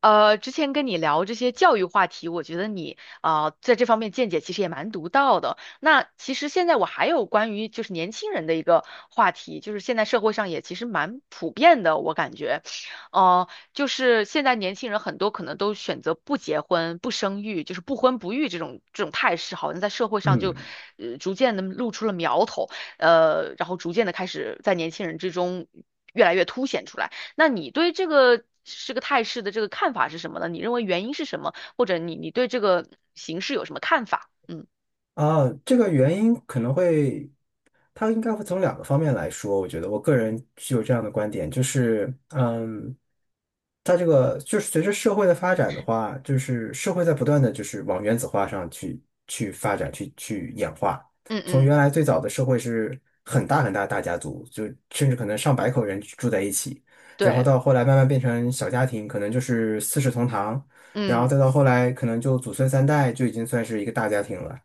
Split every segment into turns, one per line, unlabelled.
之前跟你聊这些教育话题，我觉得你啊在这方面见解其实也蛮独到的。那其实现在我还有关于就是年轻人的一个话题，就是现在社会上也其实蛮普遍的，我感觉，呃，就是现在年轻人很多可能都选择不结婚、不生育，就是不婚不育这种态势，好像在社会上就
嗯，
逐渐的露出了苗头，然后逐渐的开始在年轻人之中越来越凸显出来。那你对这个是个态势的这个看法是什么呢？你认为原因是什么？或者你对这个形势有什么看法？嗯
这个原因可能会，它应该会从两个方面来说。我觉得我个人具有这样的观点，就是，它这个就是随着社会的发展的话，就是社会在不断的就是往原子化上去发展，去演化。
嗯
从
嗯，
原来最早的社会是很大的大家族，就甚至可能上百口人住在一起，然后
对，
到后来慢慢变成小家庭，可能就是四世同堂。然后
嗯
再到后来可能就祖孙三代就已经算是一个大家庭了，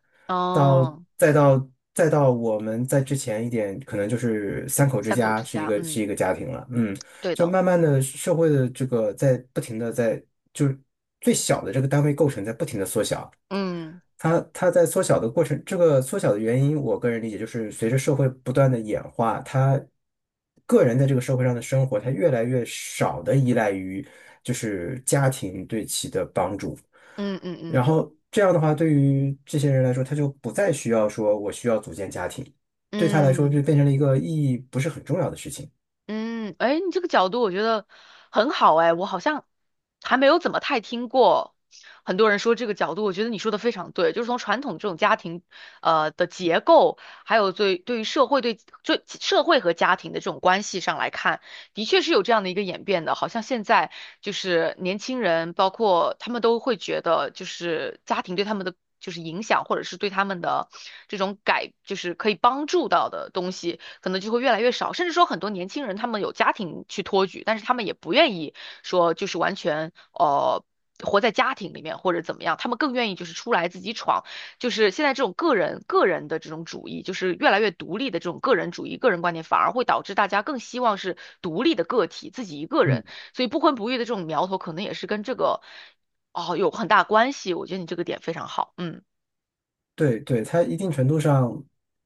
到
哦，
再到再到我们在之前一点，可能就是三口之
三口
家
之
是一
家，
个
嗯，
是一个家庭了，嗯。
对
就
的，
慢慢的社会的这个在不停的在就是最小的这个单位构成在不停的缩小，它在缩小的过程，这个缩小的原因，我个人理解就是随着社会不断的演化，它个人在这个社会上的生活，它越来越少的依赖于就是家庭对其的帮助，
嗯嗯嗯
然
嗯
后这样的话，对于这些人来说，他就不再需要说我需要组建家庭，对他来说
嗯。
就
嗯
变成了一个意义不是很重要的事情。
嗯，哎，你这个角度我觉得很好哎，我好像还没有怎么太听过很多人说这个角度，我觉得你说的非常对，就是从传统这种家庭的结构，还有对于社会对社会和家庭的这种关系上来看，的确是有这样的一个演变的，好像现在就是年轻人，包括他们都会觉得，就是家庭对他们的就是影响，或者是对他们的这种改，就是可以帮助到的东西，可能就会越来越少。甚至说很多年轻人他们有家庭去托举，但是他们也不愿意说就是完全活在家庭里面或者怎么样，他们更愿意就是出来自己闯。就是现在这种个人的这种主义，就是越来越独立的这种个人主义、个人观点，反而会导致大家更希望是独立的个体，自己一个
嗯。
人。所以不婚不育的这种苗头，可能也是跟这个哦有很大关系。我觉得你这个点非常好，嗯
对对，它一定程度上，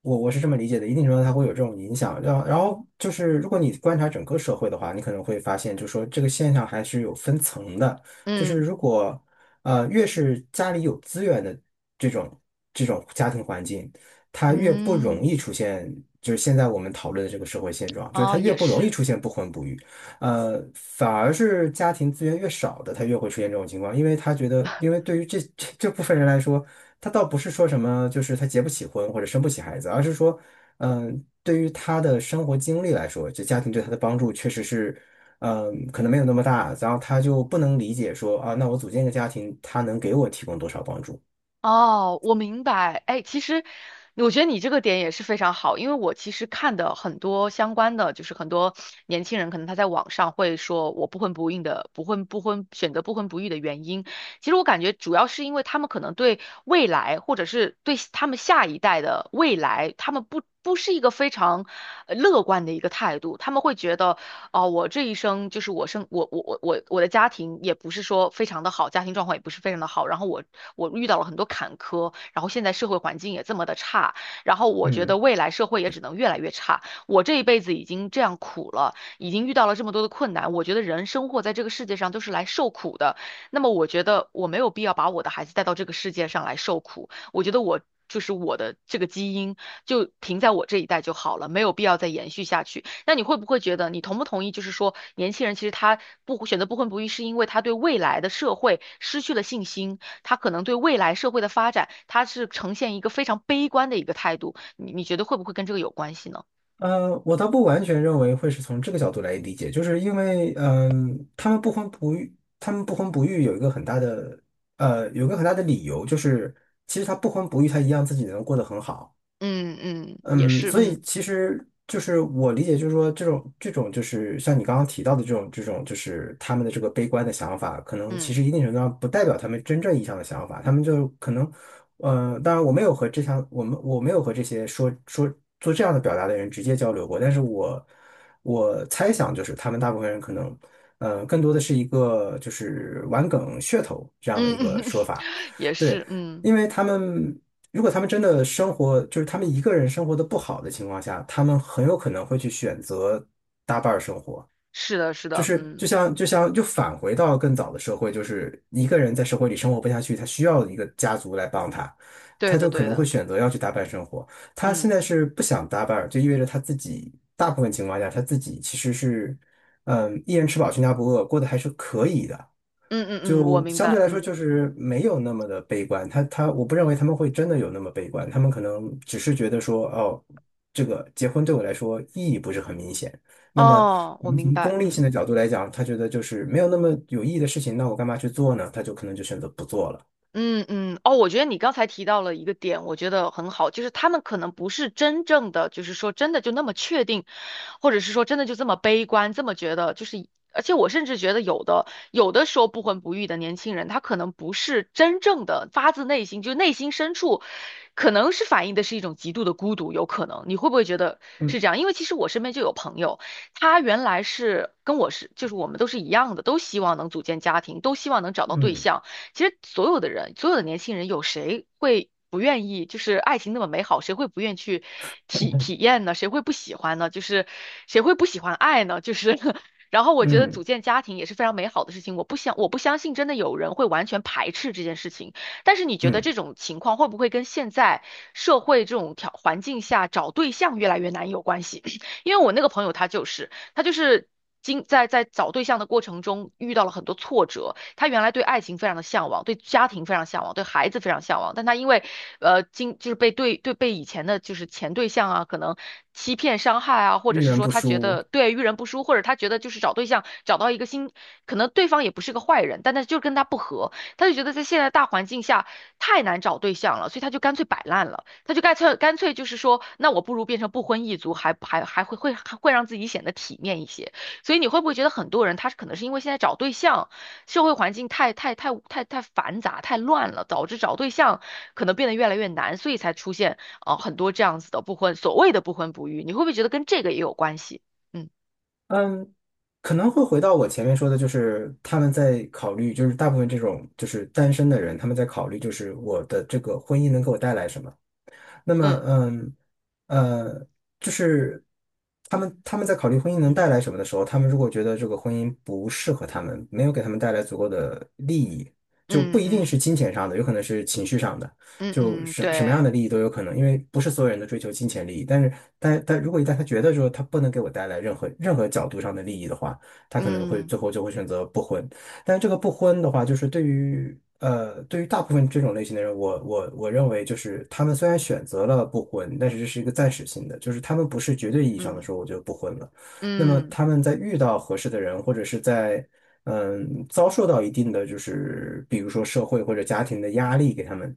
我是这么理解的，一定程度上它会有这种影响。然后，然后就是，如果你观察整个社会的话，你可能会发现，就说这个现象还是有分层的。就是
嗯
如果越是家里有资源的这种这种家庭环境，它越不容
嗯，
易出现，就是现在我们讨论的这个社会现状，就是
哦，
它越
也
不容易
是。
出现不婚不育。反而是家庭资源越少的，他越会出现这种情况，因为他觉得，因为对于这 这部分人来说。他倒不是说什么，就是他结不起婚或者生不起孩子，而是说，对于他的生活经历来说，就家庭对他的帮助确实是，可能没有那么大，然后他就不能理解说啊，那我组建一个家庭，他能给我提供多少帮助？
哦，我明白。哎，其实我觉得你这个点也是非常好，因为我其实看的很多相关的，就是很多年轻人可能他在网上会说我不婚不育的，不婚不婚选择不婚不育的原因，其实我感觉主要是因为他们可能对未来，或者是对他们下一代的未来，他们不是一个非常乐观的一个态度，他们会觉得哦，我这一生就是我生我我我我我的家庭也不是说非常的好，家庭状况也不是非常的好，然后我遇到了很多坎坷，然后现在社会环境也这么的差，然后我觉得
嗯，
未来社会也只能越来越差。我这一辈子已经这样苦了，已经遇到了这么多的困难，我觉得人生活在这个世界上都是来受苦的，那么我觉得我没有必要把我的孩子带到这个世界上来受苦，我觉得我。就是我的这个基因，就停在我这一代就好了，没有必要再延续下去。那你会不会觉得，你同不同意？就是说，年轻人其实他不选择不婚不育，是因为他对未来的社会失去了信心，他可能对未来社会的发展，他是呈现一个非常悲观的一个态度。你觉得会不会跟这个有关系呢？
我倒不完全认为会是从这个角度来理解，就是因为，他们不婚不育，他们不婚不育有一个很大的，有一个很大的理由，就是其实他不婚不育，他一样自己能过得很好。
嗯嗯，也
嗯，
是，
所
嗯
以其实就是我理解，就是说这种就是像你刚刚提到的这种，就是他们的这个悲观的想法，可能其
嗯
实一定程度上不代表他们真正意义上的想法，他们就可能，当然我没有和这项我没有和这些做这样的表达的人直接交流过，但是我猜想就是他们大部分人可能，更多的是一个就是玩梗噱头这样的
嗯，
一个 说法，
也
对。
是，嗯，
因为他们如果他们真的生活，就是他们一个人生活的不好的情况下，他们很有可能会去选择搭伴儿生活。
是的，是
就
的，
是就
嗯，
像就像就返回到更早的社会，就是一个人在社会里生活不下去，他需要一个家族来帮他，
对
他
的，
就可
对
能会
的，
选择要去搭伴生活。他现
嗯
在是不想搭伴儿，就意味着他自己大部分情况下他自己其实是，嗯，一人吃饱全家不饿，过得还是可以的。
嗯嗯嗯，我
就
明
相对
白，
来说
嗯，
就是没有那么的悲观。他他，我不认为他们会真的有那么悲观，他们可能只是觉得说，哦，这个结婚对我来说意义不是很明显。那么，
哦，
可
我
能
明
从
白，
功利
嗯。
性的角度来讲，他觉得就是没有那么有意义的事情，那我干嘛去做呢？他就可能就选择不做了。
嗯嗯，哦，我觉得你刚才提到了一个点，我觉得很好，就是他们可能不是真正的，就是说真的就那么确定，或者是说真的就这么悲观，这么觉得，就是，而且我甚至觉得有的时候不婚不育的年轻人，他可能不是真正的发自内心，就内心深处，可能是反映的是一种极度的孤独，有可能，你会不会觉得是
嗯
这样？因为其实我身边就有朋友，他原来是跟我是，就是我们都是一样的，都希望能组建家庭，都希望能找到对
嗯
象。其实所有的人，所有的年轻人，有谁会不愿意？就是爱情那么美好，谁会不愿意去体验呢？谁会不喜欢呢？就是谁会不喜欢爱呢？就是 然后我觉得
嗯
组建家庭也是非常美好的事情。我不相信真的有人会完全排斥这件事情。但是你觉得
嗯，
这种情况会不会跟现在社会这种环境下找对象越来越难有关系？因为我那个朋友他就是经在找对象的过程中遇到了很多挫折，他原来对爱情非常的向往，对家庭非常向往，对孩子非常向往，但他因为经就是被对对被以前的就是前对象啊，可能欺骗伤害啊，或者
遇
是
人
说
不
他觉
淑。
得对遇人不淑，或者他觉得就是找对象找到一个新，可能对方也不是个坏人，但他就是跟他不合，他就觉得在现在大环境下太难找对象了，所以他就干脆摆烂了，他就干脆就是说，那我不如变成不婚一族，还会让自己显得体面一些。所以你会不会觉得很多人他可能是因为现在找对象，社会环境太繁杂、太乱了，导致找对象可能变得越来越难，所以才出现很多这样子的不婚，所谓的不婚不育，你会不会觉得跟这个也有关系？嗯
嗯，可能会回到我前面说的，就是他们在考虑，就是大部分这种就是单身的人，他们在考虑，就是我的这个婚姻能给我带来什么。那么，
嗯
呃，就是他们在考虑婚姻能
嗯
带来什么的时候，他们如果觉得这个婚姻不适合他们，没有给他们带来足够的利益，就不
嗯
一定
嗯
是金钱上的，有可能是情绪上的，
嗯
就
嗯，
什么样
对，
的利益都有可能，因为不是所有人都追求金钱利益。但是，但如果一旦他觉得说他不能给我带来任何角度上的利益的话，他可能会
嗯
最后就会选择不婚。但是这个不婚的话，就是对于对于大部分这种类型的人，我认为就是他们虽然选择了不婚，但是这是一个暂时性的，就是他们不是绝对意义上的
嗯
说我就不婚了。那么
嗯，
他们在遇到合适的人，或者是在遭受到一定的就是比如说社会或者家庭的压力给他们，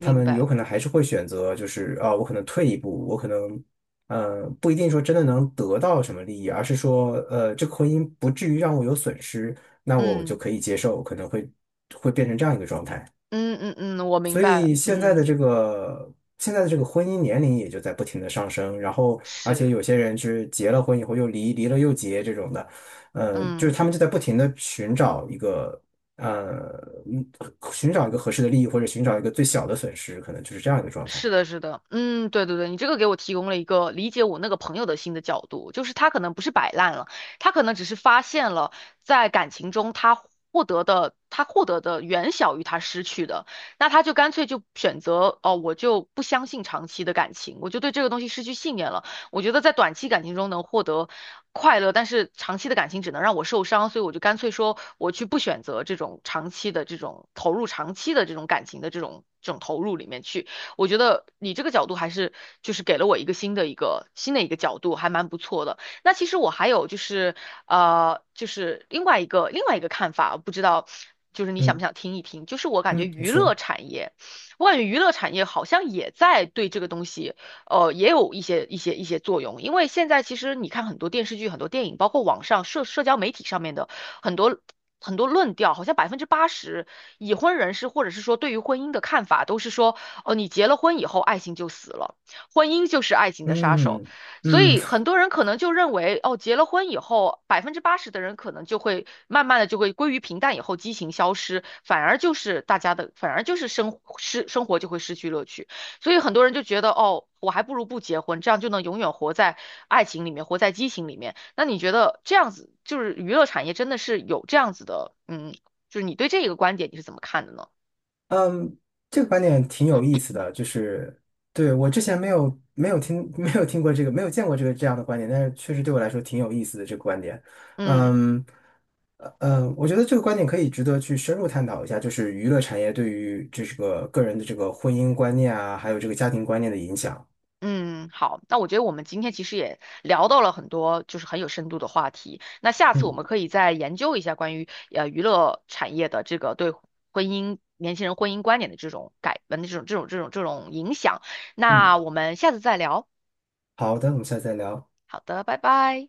他们有
白，
可能还是会选择就是啊，我可能退一步，我可能。不一定说真的能得到什么利益，而是说，这个婚姻不至于让我有损失，那我就
嗯
可以接受，可能会变成这样一个状态。
嗯嗯嗯，我明
所
白，
以现在的
嗯
这个现在的这个婚姻年龄也就在不停的上升，然后而且
是，
有些人是结了婚以后又离，离了又结这种的，嗯，就是
嗯。
他们就在不停的寻找一个呃嗯寻找一个合适的利益或者寻找一个最小的损失，可能就是这样一个状态。
是的，是的，嗯，对对对，你这个给我提供了一个理解我那个朋友的新的角度，就是他可能不是摆烂了，他可能只是发现了在感情中他获得的远小于他失去的，那他就干脆就选择哦，我就不相信长期的感情，我就对这个东西失去信念了。我觉得在短期感情中能获得快乐，但是长期的感情只能让我受伤，所以我就干脆说我去不选择这种长期的这种投入长期的这种感情的这种投入里面去。我觉得你这个角度还是就是给了我一个新的一个角度，还蛮不错的。那其实我还有就是就是另外一个看法，不知道就是你想不
嗯
想听一听？就是
嗯，你说，
我感觉娱乐产业好像也在对这个东西。也有一些作用。因为现在其实你看很多电视剧、很多电影，包括网上社交媒体上面的很多很多论调，好像百分之八十已婚人士或者是说对于婚姻的看法都是说，哦，你结了婚以后，爱情就死了，婚姻就是爱情的杀手。
嗯
所
嗯。
以很多人可能就认为，哦，结了婚以后，百分之八十的人可能就会慢慢的就会归于平淡，以后激情消失，反而就是大家的，反而就是生活就会失去乐趣。所以很多人就觉得，哦，我还不如不结婚，这样就能永远活在爱情里面，活在激情里面。那你觉得这样子，就是娱乐产业真的是有这样子的，嗯，就是你对这个观点你是怎么看的呢？
嗯，这个观点挺有意思的，就是对我之前没有听 没有听过这个没有见过这个这样的观点，但是确实对我来说挺有意思的这个观点。
嗯
嗯，我觉得这个观点可以值得去深入探讨一下，就是娱乐产业对于这个个人的这个婚姻观念啊，还有这个家庭观念的影响。
嗯，好，那我觉得我们今天其实也聊到了很多就是很有深度的话题。那下次我
嗯
们可以再研究一下关于娱乐产业的这个对婚姻年轻人婚姻观点的这种改，的这种这种这种这种影响。
嗯，
那我们下次再聊。
好的，我们下次再聊。
好的，拜拜。